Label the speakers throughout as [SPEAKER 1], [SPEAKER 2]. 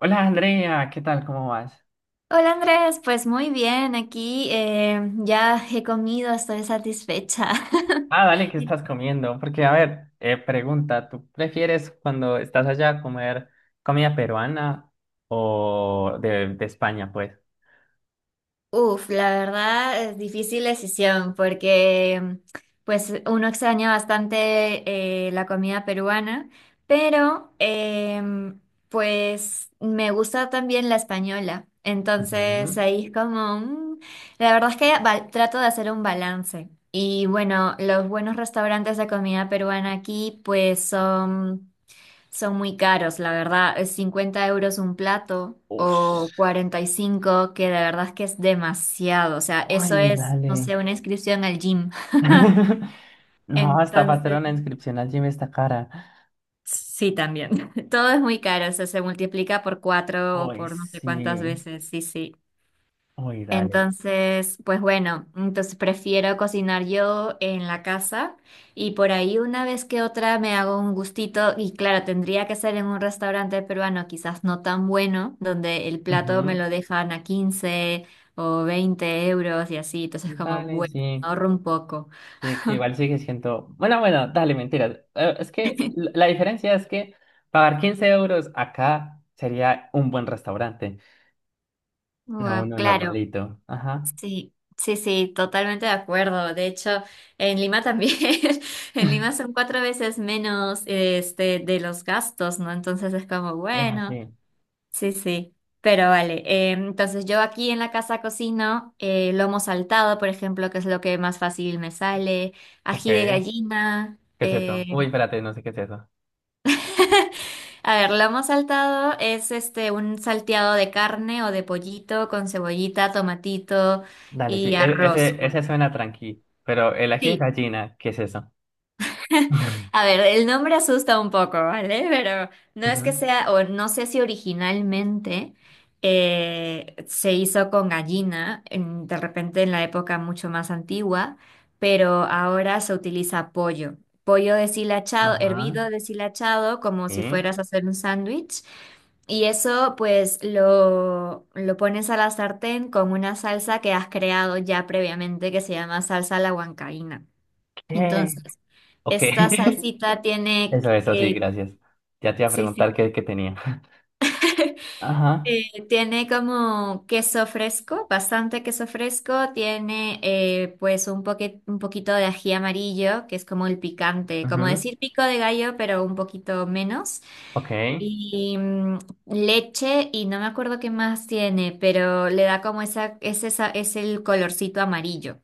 [SPEAKER 1] Hola Andrea, ¿qué tal? ¿Cómo vas?
[SPEAKER 2] Hola Andrés, pues muy bien, aquí ya he comido, estoy satisfecha.
[SPEAKER 1] Ah, dale, ¿qué estás comiendo? Porque, a ver, pregunta, ¿tú prefieres cuando estás allá comer comida peruana o de España, pues?
[SPEAKER 2] Uf, la verdad es difícil decisión porque pues uno extraña bastante la comida peruana, pero pues me gusta también la española,
[SPEAKER 1] Ujú.
[SPEAKER 2] entonces ahí es como, la verdad es que trato de hacer un balance y bueno, los buenos restaurantes de comida peruana aquí pues son... Son muy caros, la verdad. Es 50 euros un plato o
[SPEAKER 1] Uf.
[SPEAKER 2] 45, que de verdad es que es demasiado. O sea, eso
[SPEAKER 1] Ay,
[SPEAKER 2] es,
[SPEAKER 1] dale.
[SPEAKER 2] no sé, una inscripción al gym.
[SPEAKER 1] No, hasta para hacer
[SPEAKER 2] Entonces,
[SPEAKER 1] una inscripción allí me está cara.
[SPEAKER 2] sí, también. Todo es muy caro, o sea, se multiplica por cuatro o
[SPEAKER 1] Uy,
[SPEAKER 2] por no sé cuántas
[SPEAKER 1] sí.
[SPEAKER 2] veces. Sí, sí.
[SPEAKER 1] Uy, dale.
[SPEAKER 2] Entonces, pues bueno, entonces prefiero cocinar yo en la casa y por ahí una vez que otra me hago un gustito y claro, tendría que ser en un restaurante peruano quizás no tan bueno, donde el plato me
[SPEAKER 1] Ujú.
[SPEAKER 2] lo dejan a 15 o 20 euros y así, entonces como
[SPEAKER 1] Dale,
[SPEAKER 2] bueno,
[SPEAKER 1] sí.
[SPEAKER 2] ahorro un poco.
[SPEAKER 1] Sí, que igual sigue siendo. Bueno, bueno, dale, mentiras. Es que la diferencia es que pagar 15 euros acá sería un buen restaurante, no
[SPEAKER 2] Guau,
[SPEAKER 1] uno
[SPEAKER 2] claro.
[SPEAKER 1] normalito. Ajá.
[SPEAKER 2] Sí, sí, sí, totalmente de acuerdo. De hecho, en Lima también, en Lima son cuatro veces menos, este, de los gastos, ¿no? Entonces es como,
[SPEAKER 1] Es
[SPEAKER 2] bueno,
[SPEAKER 1] así.
[SPEAKER 2] sí, sí, pero vale. Entonces yo aquí en la casa cocino lomo saltado, por ejemplo, que es lo que más fácil me sale,
[SPEAKER 1] Ok.
[SPEAKER 2] ají de
[SPEAKER 1] ¿Qué
[SPEAKER 2] gallina.
[SPEAKER 1] es esto? Uy, espérate, no sé qué es eso.
[SPEAKER 2] A ver, lomo saltado es, este, un salteado de carne o de pollito con cebollita, tomatito
[SPEAKER 1] Dale, sí,
[SPEAKER 2] y arroz.
[SPEAKER 1] ese,
[SPEAKER 2] Bueno,
[SPEAKER 1] ese suena tranqui. Pero el ají de
[SPEAKER 2] sí.
[SPEAKER 1] gallina, ¿qué es eso?
[SPEAKER 2] A ver, el nombre asusta un poco, ¿vale? Pero no es que
[SPEAKER 1] Ujú.
[SPEAKER 2] sea, o no sé si originalmente se hizo con gallina, de repente en la época mucho más antigua, pero ahora se utiliza pollo. Pollo deshilachado,
[SPEAKER 1] Ajá.
[SPEAKER 2] hervido deshilachado, como
[SPEAKER 1] ¿Sí?
[SPEAKER 2] si fueras a hacer un sándwich. Y eso pues lo pones a la sartén con una salsa que has creado ya previamente, que se llama salsa a la huancaína.
[SPEAKER 1] ¿Qué?
[SPEAKER 2] Entonces,
[SPEAKER 1] Ok.
[SPEAKER 2] esta salsita tiene
[SPEAKER 1] Eso, sí,
[SPEAKER 2] que,
[SPEAKER 1] gracias. Ya te iba a
[SPEAKER 2] sí,
[SPEAKER 1] preguntar
[SPEAKER 2] sí,
[SPEAKER 1] qué, qué tenía. Ajá.
[SPEAKER 2] eh, tiene como queso fresco, bastante queso fresco, tiene pues un un poquito de ají amarillo, que es como el picante, como
[SPEAKER 1] Ujú.
[SPEAKER 2] decir pico de gallo, pero un poquito menos.
[SPEAKER 1] Ok.
[SPEAKER 2] Y leche y no me acuerdo qué más tiene, pero le da como esa, es el colorcito amarillo.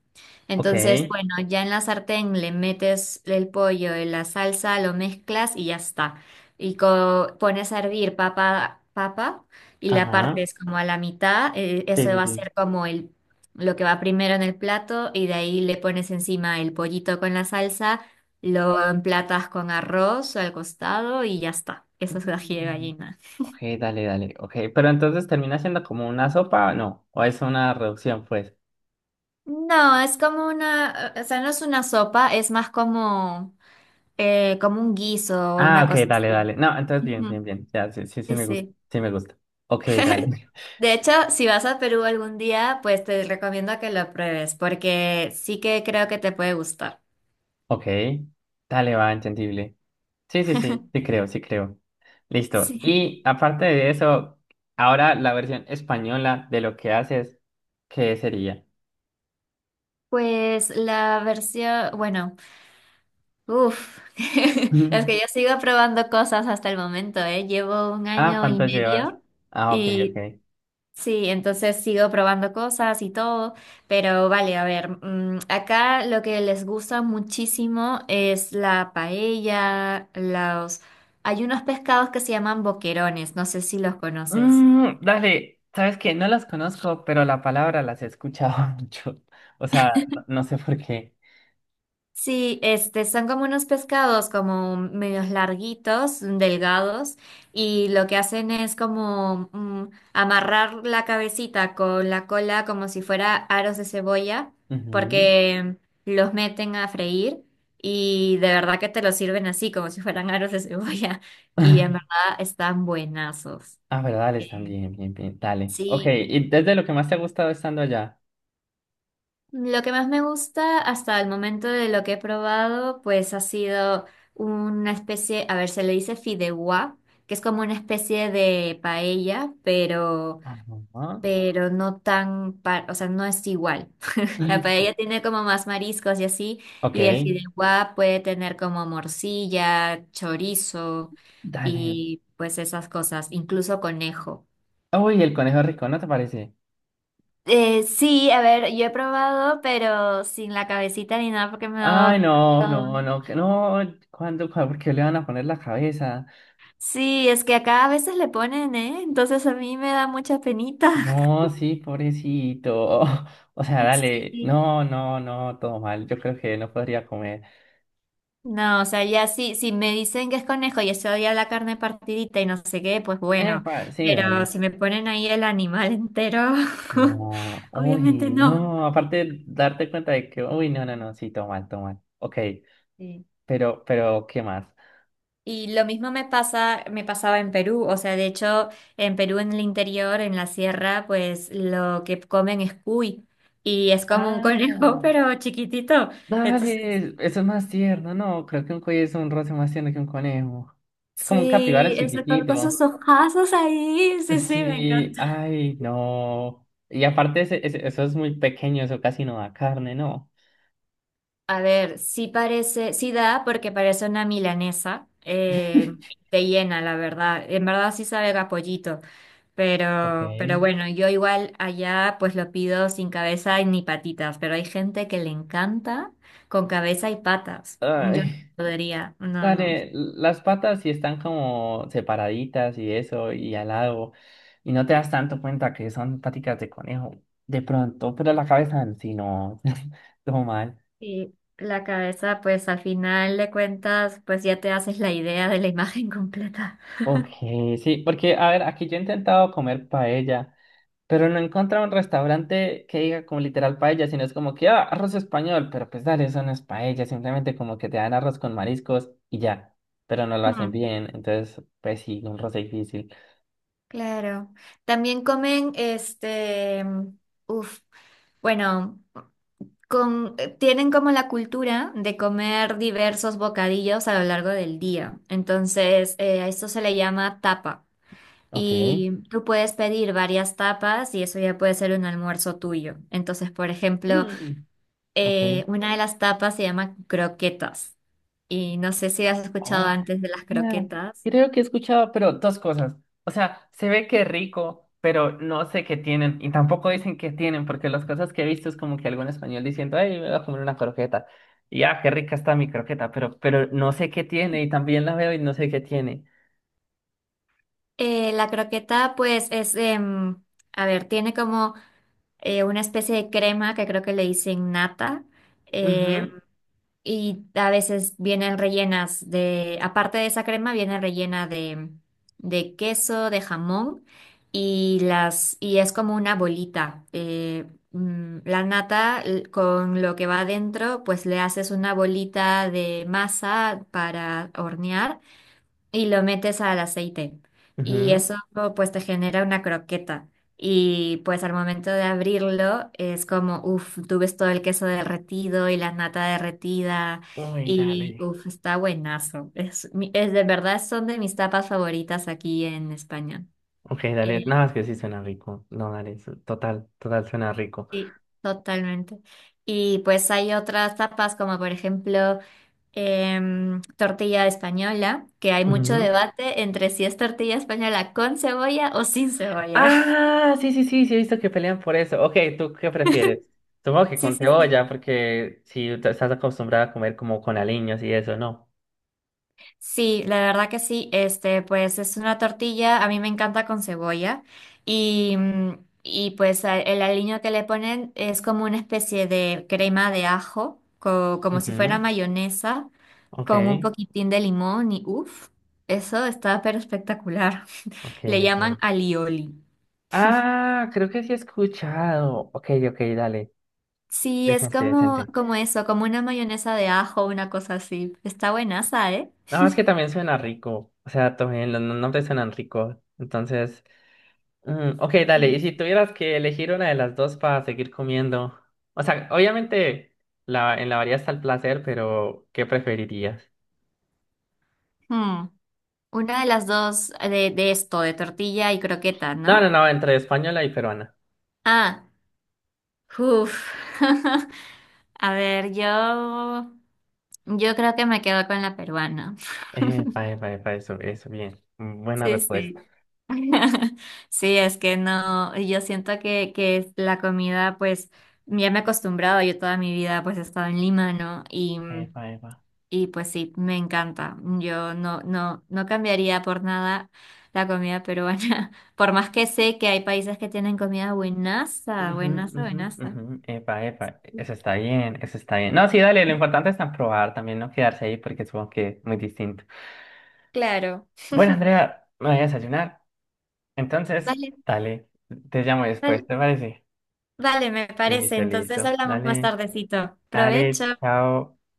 [SPEAKER 1] Ok,
[SPEAKER 2] Entonces, bueno, ya en la sartén le metes el pollo en la salsa, lo mezclas y ya está. Y pones a hervir papa, y la
[SPEAKER 1] ajá,
[SPEAKER 2] partes como a la mitad.
[SPEAKER 1] sí,
[SPEAKER 2] Eso
[SPEAKER 1] sí,
[SPEAKER 2] va a
[SPEAKER 1] sí.
[SPEAKER 2] ser como el, lo que va primero en el plato, y de ahí le pones encima el pollito con la salsa. Lo emplatas con arroz al costado y ya está. Esa es ají de
[SPEAKER 1] Mm.
[SPEAKER 2] gallina.
[SPEAKER 1] Ok, dale, dale, ok, pero entonces termina siendo como una sopa, no, o es una reducción, pues.
[SPEAKER 2] No, es como una, o sea, no es una sopa, es más como, como un guiso o
[SPEAKER 1] Ah,
[SPEAKER 2] una
[SPEAKER 1] ok,
[SPEAKER 2] cosa
[SPEAKER 1] dale,
[SPEAKER 2] así.
[SPEAKER 1] dale, no, entonces bien,
[SPEAKER 2] Ujú.
[SPEAKER 1] bien, bien, ya, sí, sí, sí
[SPEAKER 2] Sí,
[SPEAKER 1] me gusta,
[SPEAKER 2] sí.
[SPEAKER 1] sí me gusta. Ok, dale,
[SPEAKER 2] De hecho, si vas a Perú algún día, pues te recomiendo que lo pruebes, porque sí que creo que te puede gustar.
[SPEAKER 1] ok, dale, va, entendible. Sí, sí, sí, sí creo, sí creo. Listo,
[SPEAKER 2] Sí.
[SPEAKER 1] y aparte de eso, ahora la versión española de lo que haces, ¿qué sería?
[SPEAKER 2] Pues la versión, bueno. Uf, es que yo sigo probando cosas hasta el momento, ¿eh? Llevo un
[SPEAKER 1] Ah,
[SPEAKER 2] año y
[SPEAKER 1] ¿cuánto llevas?
[SPEAKER 2] medio
[SPEAKER 1] Ah, ok,
[SPEAKER 2] y
[SPEAKER 1] ok.
[SPEAKER 2] sí, entonces sigo probando cosas y todo, pero vale, a ver, acá lo que les gusta muchísimo es la paella, los... Hay unos pescados que se llaman boquerones, no sé si los conoces.
[SPEAKER 1] Mm, dale, sabes que no las conozco, pero la palabra las he escuchado mucho. O sea, no sé por qué.
[SPEAKER 2] Sí, este, son como unos pescados como medios larguitos, delgados, y lo que hacen es como amarrar la cabecita con la cola como si fuera aros de cebolla,
[SPEAKER 1] Ujú.
[SPEAKER 2] porque los meten a freír y de verdad que te los sirven así, como si fueran aros de cebolla, y en verdad están buenazos.
[SPEAKER 1] Ah, pero dale, están bien, bien, bien. Dale. Ok,
[SPEAKER 2] Sí,
[SPEAKER 1] ¿y desde lo que más te ha gustado estando allá?
[SPEAKER 2] lo que más me gusta hasta el momento de lo que he probado, pues ha sido una especie, a ver, se le dice fideuá, que es como una especie de paella, pero,
[SPEAKER 1] Ajá.
[SPEAKER 2] pero no tan, o sea, no es igual. La paella tiene como más mariscos y así,
[SPEAKER 1] Ok,
[SPEAKER 2] y el fideuá puede tener como morcilla, chorizo
[SPEAKER 1] dale.
[SPEAKER 2] y pues esas cosas, incluso conejo.
[SPEAKER 1] Uy, el conejo rico, ¿no te parece?
[SPEAKER 2] Sí, a ver, yo he probado, pero sin la cabecita ni nada porque me ha
[SPEAKER 1] Ay,
[SPEAKER 2] dado...
[SPEAKER 1] no,
[SPEAKER 2] todo.
[SPEAKER 1] no, no, que no. ¿Cuándo, cuándo, por qué le van a poner la cabeza?
[SPEAKER 2] Sí, es que acá a veces le ponen, ¿eh? Entonces a mí me da mucha penita.
[SPEAKER 1] No, sí, pobrecito. O sea, dale,
[SPEAKER 2] Sí.
[SPEAKER 1] no, no, no, todo mal. Yo creo que no podría comer.
[SPEAKER 2] No, o sea, ya sí, si me dicen que es conejo y eso, ya la carne partidita y no sé qué, pues bueno,
[SPEAKER 1] Epa, sí,
[SPEAKER 2] pero
[SPEAKER 1] dale.
[SPEAKER 2] si me ponen ahí el animal entero,
[SPEAKER 1] No,
[SPEAKER 2] obviamente
[SPEAKER 1] uy,
[SPEAKER 2] no.
[SPEAKER 1] no, aparte darte cuenta de que, uy, no, no, no, sí, todo mal, todo mal. Ok,
[SPEAKER 2] Sí.
[SPEAKER 1] pero, ¿qué más?
[SPEAKER 2] Y lo mismo me pasa, me pasaba en Perú, o sea, de hecho, en Perú en el interior, en la sierra, pues lo que comen es cuy, y es como un
[SPEAKER 1] Ah,
[SPEAKER 2] conejo, pero chiquitito. Entonces,
[SPEAKER 1] dale, eso es más tierno, no, creo que un cuello es un roce más tierno que un conejo. Es como un capibara
[SPEAKER 2] sí, eso con sus
[SPEAKER 1] chiquitito.
[SPEAKER 2] ojazos ahí, sí, sí, me
[SPEAKER 1] Sí,
[SPEAKER 2] encanta.
[SPEAKER 1] ay, no. Y aparte, eso es muy pequeño, eso casi no da carne, ¿no?
[SPEAKER 2] A ver, sí parece, sí da porque parece una milanesa, te llena, la verdad. En verdad sí sabe a pollito.
[SPEAKER 1] Ok.
[SPEAKER 2] Pero bueno, yo igual allá pues lo pido sin cabeza y ni patitas, pero hay gente que le encanta con cabeza y patas. Yo no
[SPEAKER 1] Ay.
[SPEAKER 2] podría, no, no.
[SPEAKER 1] Dale, las patas sí están como separaditas y eso, y al lado, y no te das tanto cuenta que son paticas de conejo, de pronto, pero la cabeza en sí no, todo mal.
[SPEAKER 2] Y la cabeza pues al final de cuentas pues ya te haces la idea de la imagen completa.
[SPEAKER 1] Ok, sí, porque a ver, aquí yo he intentado comer paella, pero no he encontrado un restaurante que diga como literal paella, sino es como que, ah, arroz español, pero pues dale, eso no es paella, simplemente como que te dan arroz con mariscos y ya, pero no lo hacen
[SPEAKER 2] Mm,
[SPEAKER 1] bien, entonces, pues sí, un roce difícil.
[SPEAKER 2] claro. También comen, este, uf, bueno, con, tienen como la cultura de comer diversos bocadillos a lo largo del día. Entonces, a esto se le llama tapa.
[SPEAKER 1] Ok.
[SPEAKER 2] Y tú puedes pedir varias tapas y eso ya puede ser un almuerzo tuyo. Entonces, por ejemplo,
[SPEAKER 1] Mm, ok.
[SPEAKER 2] una de las tapas se llama croquetas. Y no sé si has escuchado
[SPEAKER 1] Oh,
[SPEAKER 2] antes de las
[SPEAKER 1] yeah.
[SPEAKER 2] croquetas.
[SPEAKER 1] Creo que he escuchado, pero dos cosas. O sea, se ve que rico, pero no sé qué tienen. Y tampoco dicen qué tienen, porque las cosas que he visto es como que algún español diciendo, ay, me voy a comer una croqueta. Y ah, qué rica está mi croqueta, pero no sé qué tiene. Y también la veo y no sé qué tiene.
[SPEAKER 2] La croqueta, pues, es, a ver, tiene como una especie de crema que creo que le dicen nata. eh,
[SPEAKER 1] Ujú,
[SPEAKER 2] Y a veces vienen rellenas de, aparte de esa crema, viene rellena de queso, de jamón, y las, y es como una bolita. La nata con lo que va adentro, pues le haces una bolita de masa para hornear y lo metes al aceite. Y
[SPEAKER 1] ujú.
[SPEAKER 2] eso pues te genera una croqueta. Y pues al momento de abrirlo es como, uff, tú ves todo el queso derretido y la nata derretida.
[SPEAKER 1] Uy,
[SPEAKER 2] Y
[SPEAKER 1] dale.
[SPEAKER 2] uff, está buenazo. Es, es de verdad, son de mis tapas favoritas aquí en España.
[SPEAKER 1] Ok, dale.
[SPEAKER 2] Eh,
[SPEAKER 1] Nada más que sí suena rico. No, dale. Total, total suena rico.
[SPEAKER 2] sí, totalmente. Y pues hay otras tapas como por ejemplo... tortilla española, que hay mucho
[SPEAKER 1] Ujú.
[SPEAKER 2] debate entre si es tortilla española con cebolla o sin cebolla.
[SPEAKER 1] Ah, sí, sí, sí, sí, he visto que pelean por eso. Ok, ¿tú qué prefieres? Supongo que
[SPEAKER 2] Sí,
[SPEAKER 1] con
[SPEAKER 2] sí, sí.
[SPEAKER 1] cebolla, porque si estás acostumbrada a comer como con aliños y eso, ¿no?
[SPEAKER 2] Sí, la verdad que sí. Este, pues es una tortilla, a mí me encanta con cebolla y pues el aliño que le ponen es como una especie de crema de ajo, como si fuera
[SPEAKER 1] Ujú,
[SPEAKER 2] mayonesa,
[SPEAKER 1] ok,
[SPEAKER 2] con un poquitín de limón y uff, eso está pero espectacular.
[SPEAKER 1] ok,
[SPEAKER 2] Le llaman
[SPEAKER 1] ok.
[SPEAKER 2] alioli.
[SPEAKER 1] Ah, creo que sí he escuchado. Ok, ok, dale.
[SPEAKER 2] Sí, es
[SPEAKER 1] Decente,
[SPEAKER 2] como,
[SPEAKER 1] decente.
[SPEAKER 2] como eso, como una mayonesa de ajo, una cosa así. Está buenaza, ¿eh?
[SPEAKER 1] Nada más que también suena rico. O sea, también los nombres suenan ricos. Entonces, mm, ok, dale,
[SPEAKER 2] Sí.
[SPEAKER 1] y si tuvieras que elegir una de las dos para seguir comiendo, o sea, obviamente la, en la variedad está el placer, pero ¿qué preferirías?
[SPEAKER 2] Hmm, Una de las dos de esto, de tortilla y croqueta,
[SPEAKER 1] No,
[SPEAKER 2] ¿no?
[SPEAKER 1] no, no, entre española y peruana.
[SPEAKER 2] Ah, uff. A ver, yo creo que me quedo con la peruana.
[SPEAKER 1] Epa, epa, epa, eso, bien. Mm, buena
[SPEAKER 2] Sí,
[SPEAKER 1] respuesta.
[SPEAKER 2] sí. Sí, es que no, yo siento que es la comida, pues, ya me he acostumbrado, yo toda mi vida pues he estado en Lima, ¿no? Y mm,
[SPEAKER 1] Epa, epa.
[SPEAKER 2] Y pues sí, me encanta. Yo no cambiaría por nada la comida peruana, por más que sé que hay países que tienen comida buenaza,
[SPEAKER 1] Ujú,
[SPEAKER 2] buenaza,
[SPEAKER 1] ujú,
[SPEAKER 2] buenaza.
[SPEAKER 1] ujú, epa, epa, eso está bien, eso está bien. No, sí, dale, lo importante es probar también, no quedarse ahí porque supongo que es muy distinto.
[SPEAKER 2] Claro.
[SPEAKER 1] Bueno, Andrea, me voy a desayunar, entonces,
[SPEAKER 2] Vale,
[SPEAKER 1] dale, te llamo después,
[SPEAKER 2] vale,
[SPEAKER 1] ¿te parece?
[SPEAKER 2] vale, me parece.
[SPEAKER 1] Listo,
[SPEAKER 2] Entonces
[SPEAKER 1] listo.
[SPEAKER 2] hablamos más
[SPEAKER 1] Dale,
[SPEAKER 2] tardecito. Provecho.
[SPEAKER 1] dale, chao.